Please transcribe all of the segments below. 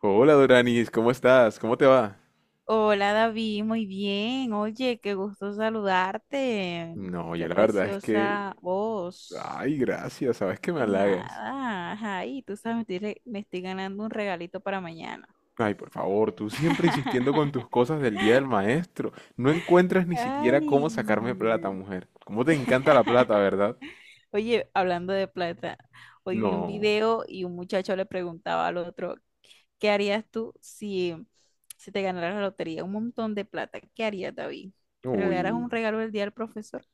Hola Doranis, ¿cómo estás? ¿Cómo te va? Hola David, muy bien. Oye, qué gusto saludarte. No, yo Qué la verdad es que... preciosa voz. Ay, gracias, sabes que me De halagas. nada, ay, tú sabes, me estoy ganando un regalito para mañana. Ay, por favor, tú siempre insistiendo con tus cosas del día del maestro. No encuentras ni siquiera Ay. cómo sacarme plata, mujer. ¿Cómo te encanta la plata, verdad? Oye, hablando de plata, hoy vi un No. video y un muchacho le preguntaba al otro, ¿qué harías tú si te ganaras la lotería? Un montón de plata. ¿Qué harías, David? ¿Te regalaras un Uy. regalo el día del profesor?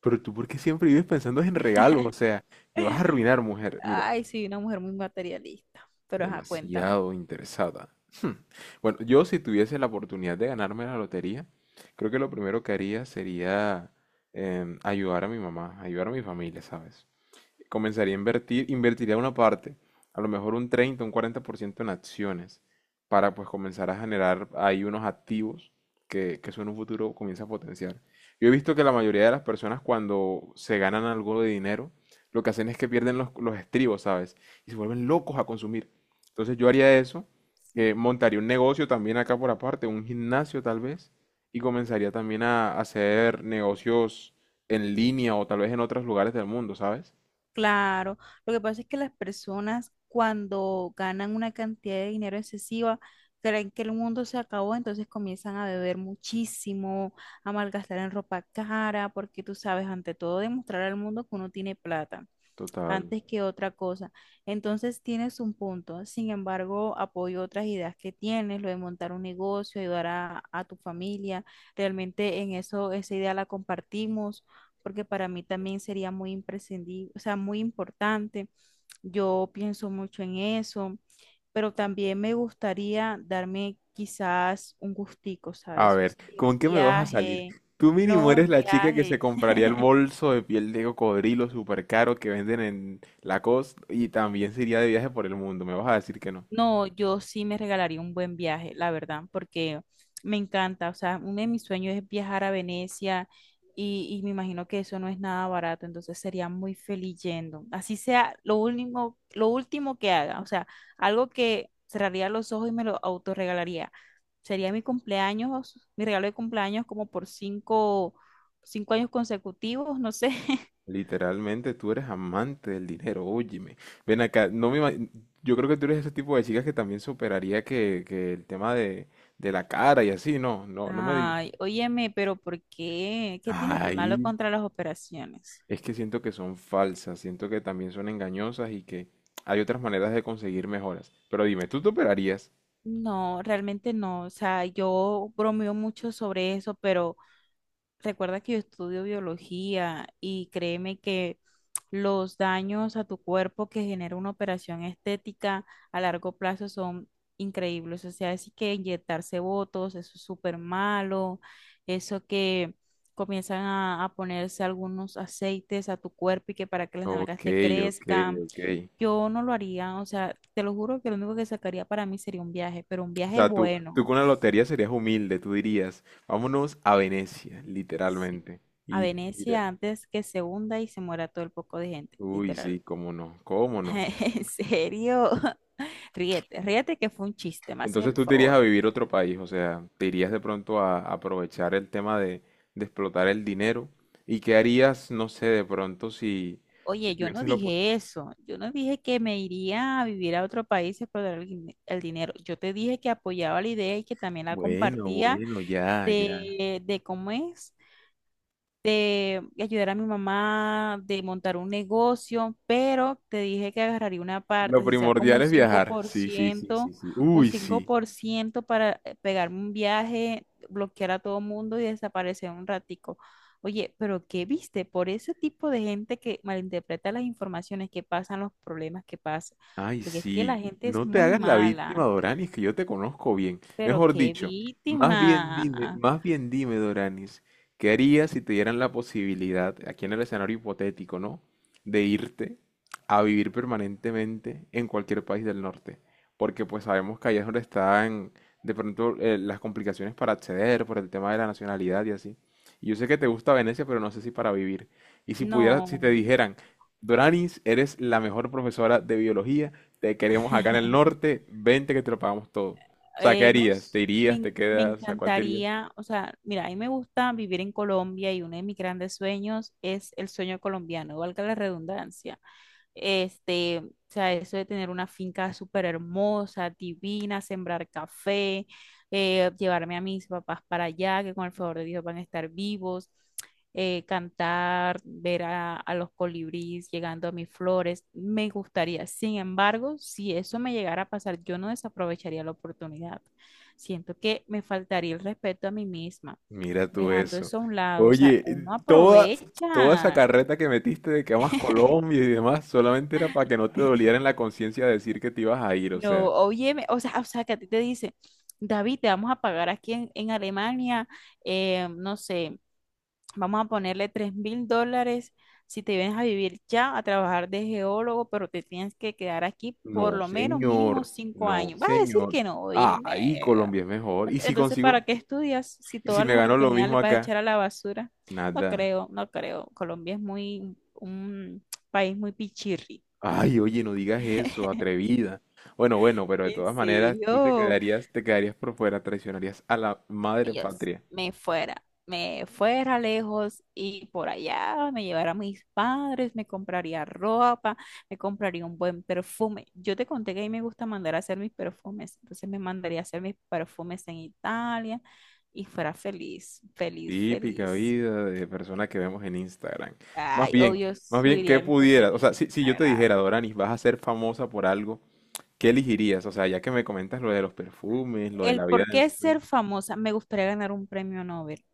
Pero tú, ¿por qué siempre vives pensando en regalos? O sea, me vas a arruinar, mujer. Mira, Ay, sí, una mujer muy materialista. Pero ajá, cuéntame. demasiado interesada. Hmm. Bueno, yo si tuviese la oportunidad de ganarme la lotería, creo que lo primero que haría sería ayudar a mi mamá, ayudar a mi familia, ¿sabes? Comenzaría a invertir, invertiría una parte, a lo mejor un 30 un 40% en acciones, para pues comenzar a generar ahí unos activos que eso en un futuro comienza a potenciar. Yo he visto que la mayoría de las personas cuando se ganan algo de dinero, lo que hacen es que pierden los estribos, ¿sabes? Y se vuelven locos a consumir. Entonces yo haría eso, montaría un negocio también acá por aparte, un gimnasio tal vez, y comenzaría también a hacer negocios en línea o tal vez en otros lugares del mundo, ¿sabes? Claro, lo que pasa es que las personas cuando ganan una cantidad de dinero excesiva, creen que el mundo se acabó, entonces comienzan a beber muchísimo, a malgastar en ropa cara, porque tú sabes, ante todo, demostrar al mundo que uno tiene plata, Total. antes que otra cosa. Entonces tienes un punto. Sin embargo, apoyo otras ideas que tienes, lo de montar un negocio, ayudar a tu familia. Realmente en eso, esa idea la compartimos, porque para mí también sería muy imprescindible, o sea, muy importante. Yo pienso mucho en eso, pero también me gustaría darme quizás un gustico, A ¿sabes? O ver, sea, un ¿con qué me vas a salir? viaje, Tú mínimo no eres un la chica que se viaje. compraría el bolso de piel de cocodrilo súper caro que venden en Lacoste y también se iría de viaje por el mundo. Me vas a decir que no. No, yo sí me regalaría un buen viaje, la verdad, porque me encanta. O sea, uno de mis sueños es viajar a Venecia y me imagino que eso no es nada barato, entonces sería muy feliz yendo. Así sea lo último que haga, o sea, algo que cerraría los ojos y me lo autorregalaría. Sería mi cumpleaños, mi regalo de cumpleaños como por cinco años consecutivos, no sé. Literalmente tú eres amante del dinero, óyeme. Ven acá, no me ima- yo creo que tú eres ese tipo de chicas que también superaría que el tema de la cara y así, no, no, no me digas. Ay, óyeme, pero ¿por qué? ¿Qué tiene de malo Ay, contra las operaciones? es que siento que son falsas, siento que también son engañosas y que hay otras maneras de conseguir mejoras. Pero dime, ¿tú te operarías? No, realmente no. O sea, yo bromeo mucho sobre eso, pero recuerda que yo estudio biología y créeme que los daños a tu cuerpo que genera una operación estética a largo plazo son increíbles. O sea, así que inyectarse botox, eso es súper malo. Eso que comienzan a ponerse algunos aceites a tu cuerpo y que para que las Ok, nalgas te ok, crezcan. ok. Yo no lo haría, o sea, te lo juro que lo único que sacaría para mí sería un viaje, pero un O viaje sea, tú, bueno. tú con la lotería serías humilde, tú dirías, vámonos a Venecia, Sí, literalmente. a Y mira, Venecia antes que se hunda y se muera todo el poco de gente, uy, sí, literal. cómo no, cómo no. En serio, ríete, ríete que fue un chiste, me haces Entonces el tú te irías favor. a vivir a otro país, o sea, te irías de pronto a aprovechar el tema de explotar el dinero. ¿Y qué harías, no sé, de pronto si Oye, yo no tuvieses la oportunidad? dije eso, yo no dije que me iría a vivir a otro país y explotar el dinero. Yo te dije que apoyaba la idea y que también la Bueno, compartía bueno, ya, ya. de cómo es. De ayudar a mi mamá, de montar un negocio, pero te dije que agarraría una Lo parte, si sea como primordial un es cinco viajar. por Sí, sí, sí, sí, ciento sí. Un Uy, cinco sí. por ciento para pegarme un viaje, bloquear a todo mundo y desaparecer un ratico. Oye, pero ¿qué viste? Por ese tipo de gente que malinterpreta las informaciones, que pasan los problemas que pasan, Ay, porque es que la sí, gente es no te muy hagas la víctima, mala, Doranis, que yo te conozco bien. pero Mejor qué dicho, víctima. más bien dime, Doranis, ¿qué harías si te dieran la posibilidad, aquí en el escenario hipotético, ¿no? De irte a vivir permanentemente en cualquier país del norte. Porque pues sabemos que allá es donde están de pronto las complicaciones para acceder por el tema de la nacionalidad y así. Y yo sé que te gusta Venecia, pero no sé si para vivir. Y si pudieras, si te No. dijeran, Doranis, eres la mejor profesora de biología, te queremos acá en el norte, vente que te lo pagamos todo. O sea, ¿qué no harías? s- ¿Te me, irías? ¿Te en- Me quedas? ¿A cuál te irías? encantaría, o sea, mira, a mí me gusta vivir en Colombia y uno de mis grandes sueños es el sueño colombiano, valga la redundancia. Este, o sea, eso de tener una finca súper hermosa, divina, sembrar café, llevarme a mis papás para allá, que con el favor de Dios van a estar vivos, cantar, ver a los colibríes llegando a mis flores, me gustaría. Sin embargo, si eso me llegara a pasar, yo no desaprovecharía la oportunidad. Siento que me faltaría el respeto a mí misma, Mira tú dejando eso. eso a un lado. O sea, Oye, uno toda, toda esa aprovecha. carreta que metiste de que amas Colombia y demás, solamente era para que no te doliera en la conciencia decir que te ibas a ir, o No, sea, oye, o sea, que a ti te dice, David, te vamos a pagar aquí en Alemania, no sé, vamos a ponerle $3.000 si te vienes a vivir ya a trabajar de geólogo, pero te tienes que quedar aquí por no, lo menos mínimo señor, cinco no, años. Vas a decir señor. que no, oye, Ah, ahí Colombia es mejor. ¿Y si entonces, consigo? ¿para qué estudias si ¿Y si todas me las gano lo oportunidades mismo les vas a acá? echar a la basura? No Nada. creo, no creo. Colombia es muy, un país muy pichirri. Ay, oye, no digas eso, atrevida. Bueno, bueno, pero de ¿En todas maneras, tú serio? Te quedarías por fuera, traicionarías a la madre Yo sí, patria. me fuera lejos y por allá me llevara a mis padres, me compraría ropa, me compraría un buen perfume. Yo te conté que a mí me gusta mandar a hacer mis perfumes, entonces me mandaría a hacer mis perfumes en Italia y fuera feliz, feliz, Típica feliz. vida de persona que vemos en Instagram. Más Ay, bien, obvio, más bien, ¿qué subiría mi foto pudieras? en O sea, si, si yo te Instagram. dijera, Doranis, vas a ser famosa por algo, ¿qué elegirías? O sea, ya que me comentas lo de los perfumes, lo de El la vida por de qué ser ensueño. famosa, me gustaría ganar un premio Nobel.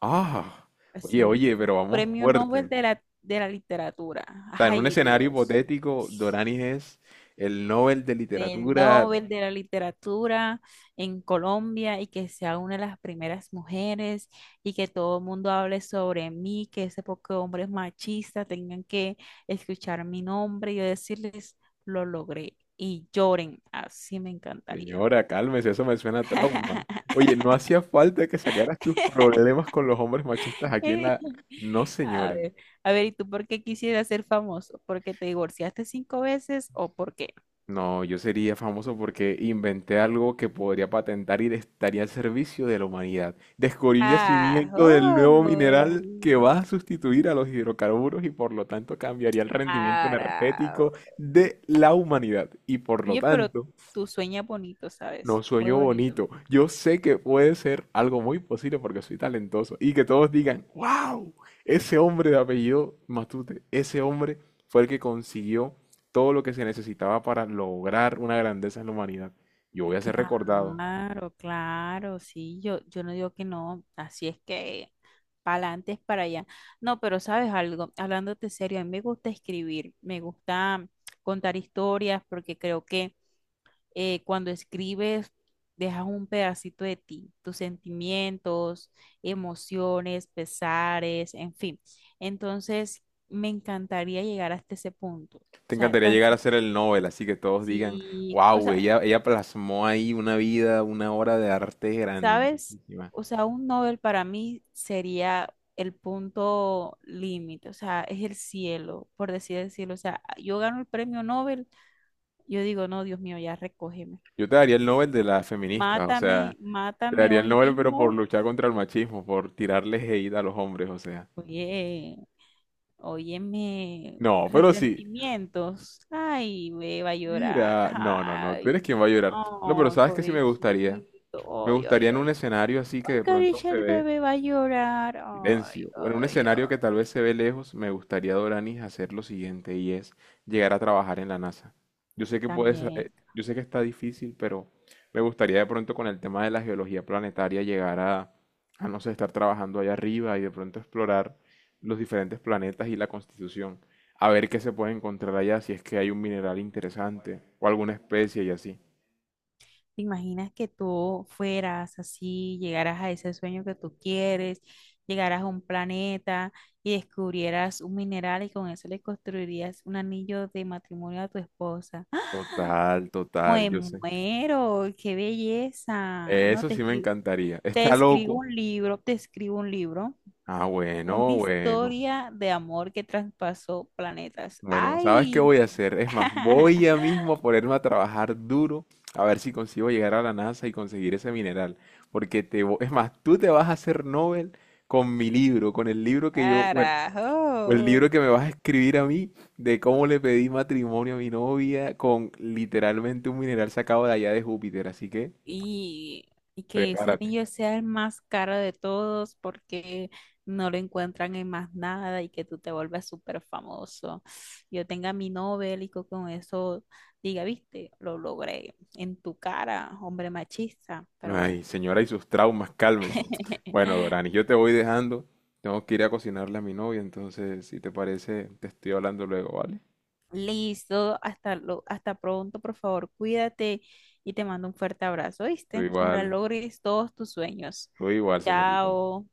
Ah, oye, Sí, oye, pero vamos premio Nobel fuerte. de la literatura. O sea, en un Ay, escenario Dios. hipotético, Doranis es el Nobel de Del Literatura. Nobel de la literatura en Colombia y que sea una de las primeras mujeres y que todo el mundo hable sobre mí, que ese poco hombres machistas tengan que escuchar mi nombre y yo decirles, lo logré y lloren. Así me encantaría. Señora, cálmese, eso me suena a trauma. Oye, no hacía falta que sacaras tus problemas con los hombres machistas aquí en la... No, A señora. ver, a ver, ¿y tú por qué quisieras ser famoso? ¿Porque te divorciaste 5 veces o porque...? No, yo sería famoso porque inventé algo que podría patentar y estaría al servicio de la humanidad. Descubrí un Ah, yacimiento del oh, nuevo mineral que va a sustituir a los hidrocarburos y por lo tanto cambiaría el rendimiento ara. energético de la humanidad. Y por lo Oye, pero tanto, tú sueñas bonito, no ¿sabes? Muy sueño bonito. bonito. Yo sé que puede ser algo muy posible porque soy talentoso y que todos digan, wow, ese hombre de apellido Matute, ese hombre fue el que consiguió todo lo que se necesitaba para lograr una grandeza en la humanidad. Yo voy a ser recordado. Claro, claro, sí, yo no digo que no, así es que para adelante es para allá. No, pero sabes algo, hablándote serio, a mí me gusta escribir, me gusta contar historias porque creo que cuando escribes, dejas un pedacito de ti, tus sentimientos, emociones, pesares, en fin. Entonces, me encantaría llegar hasta ese punto. O Te sea, encantaría tan llegar si, a ser el Nobel, así que todos digan, si- o wow, sea, ella plasmó ahí una vida, una obra de arte ¿sabes? grandísima. O sea, un Nobel para mí sería el punto límite, o sea, es el cielo, por decir el cielo. O sea, yo gano el premio Nobel, yo digo, no, Dios mío, ya recógeme. Yo te daría el Nobel de las feministas, o Mátame, sea, te mátame daría el hoy Nobel pero por mismo. luchar contra el machismo, por tirarles hate a los hombres, o sea. Oye, óyeme, No, pero sí. resentimientos. Ay, ve, va a llorar. Mira, no, no, no, tú Ay, eres quien va a llorar. No, pero ay, sabes que sí me gustaría. Me pobrecito. Ay, gustaría ay, en un ay. escenario así que Ay, de pronto cariño, se el ve. bebé va a llorar. Ay, Silencio. Bueno, un ay, ay. escenario que tal vez se ve lejos, me gustaría, Doranis, hacer lo siguiente y es llegar a trabajar en la NASA. Yo sé que puedes, También. yo sé que está difícil, pero me gustaría de pronto con el tema de la geología planetaria llegar a, no sé, estar trabajando allá arriba y de pronto explorar los diferentes planetas y la constitución, a ver qué se puede encontrar allá, si es que hay un mineral interesante o alguna especie y así. ¿Te imaginas que tú fueras así, llegaras a ese sueño que tú quieres, llegaras a un planeta y descubrieras un mineral y con eso le construirías un anillo de matrimonio a tu esposa? Total, total, Me yo sé. muero, qué belleza. No Eso te sí me escribo, encantaría. te Está escribo loco. un libro, te escribo un libro, Ah, una bueno, bueno. historia de amor que traspasó planetas. Bueno, ¿sabes qué ¡Ay! voy a hacer? Es más, voy ya mismo a ponerme a trabajar duro a ver si consigo llegar a la NASA y conseguir ese mineral. Porque te, es más, tú te vas a hacer Nobel con mi libro, con el libro que yo, bueno, o el ¡Carajo! libro que me vas a escribir a mí de cómo le pedí matrimonio a mi novia con literalmente un mineral sacado de allá de Júpiter. Así que y, y que ese prepárate. anillo sea el más caro de todos porque no lo encuentran en más nada y que tú te vuelvas súper famoso. Yo tenga mi Nobel y con eso diga, viste, lo logré en tu cara, hombre machista, pero bueno. Ay, señora y sus traumas, cálmese. Bueno, Dorani, yo te voy dejando. Tengo que ir a cocinarle a mi novia, entonces, si te parece, te estoy hablando luego, ¿vale? Listo, hasta pronto, por favor, cuídate y te mando un fuerte abrazo, Tú ¿viste? Ojalá igual, logres todos tus sueños. tú igual, señorita. Chao.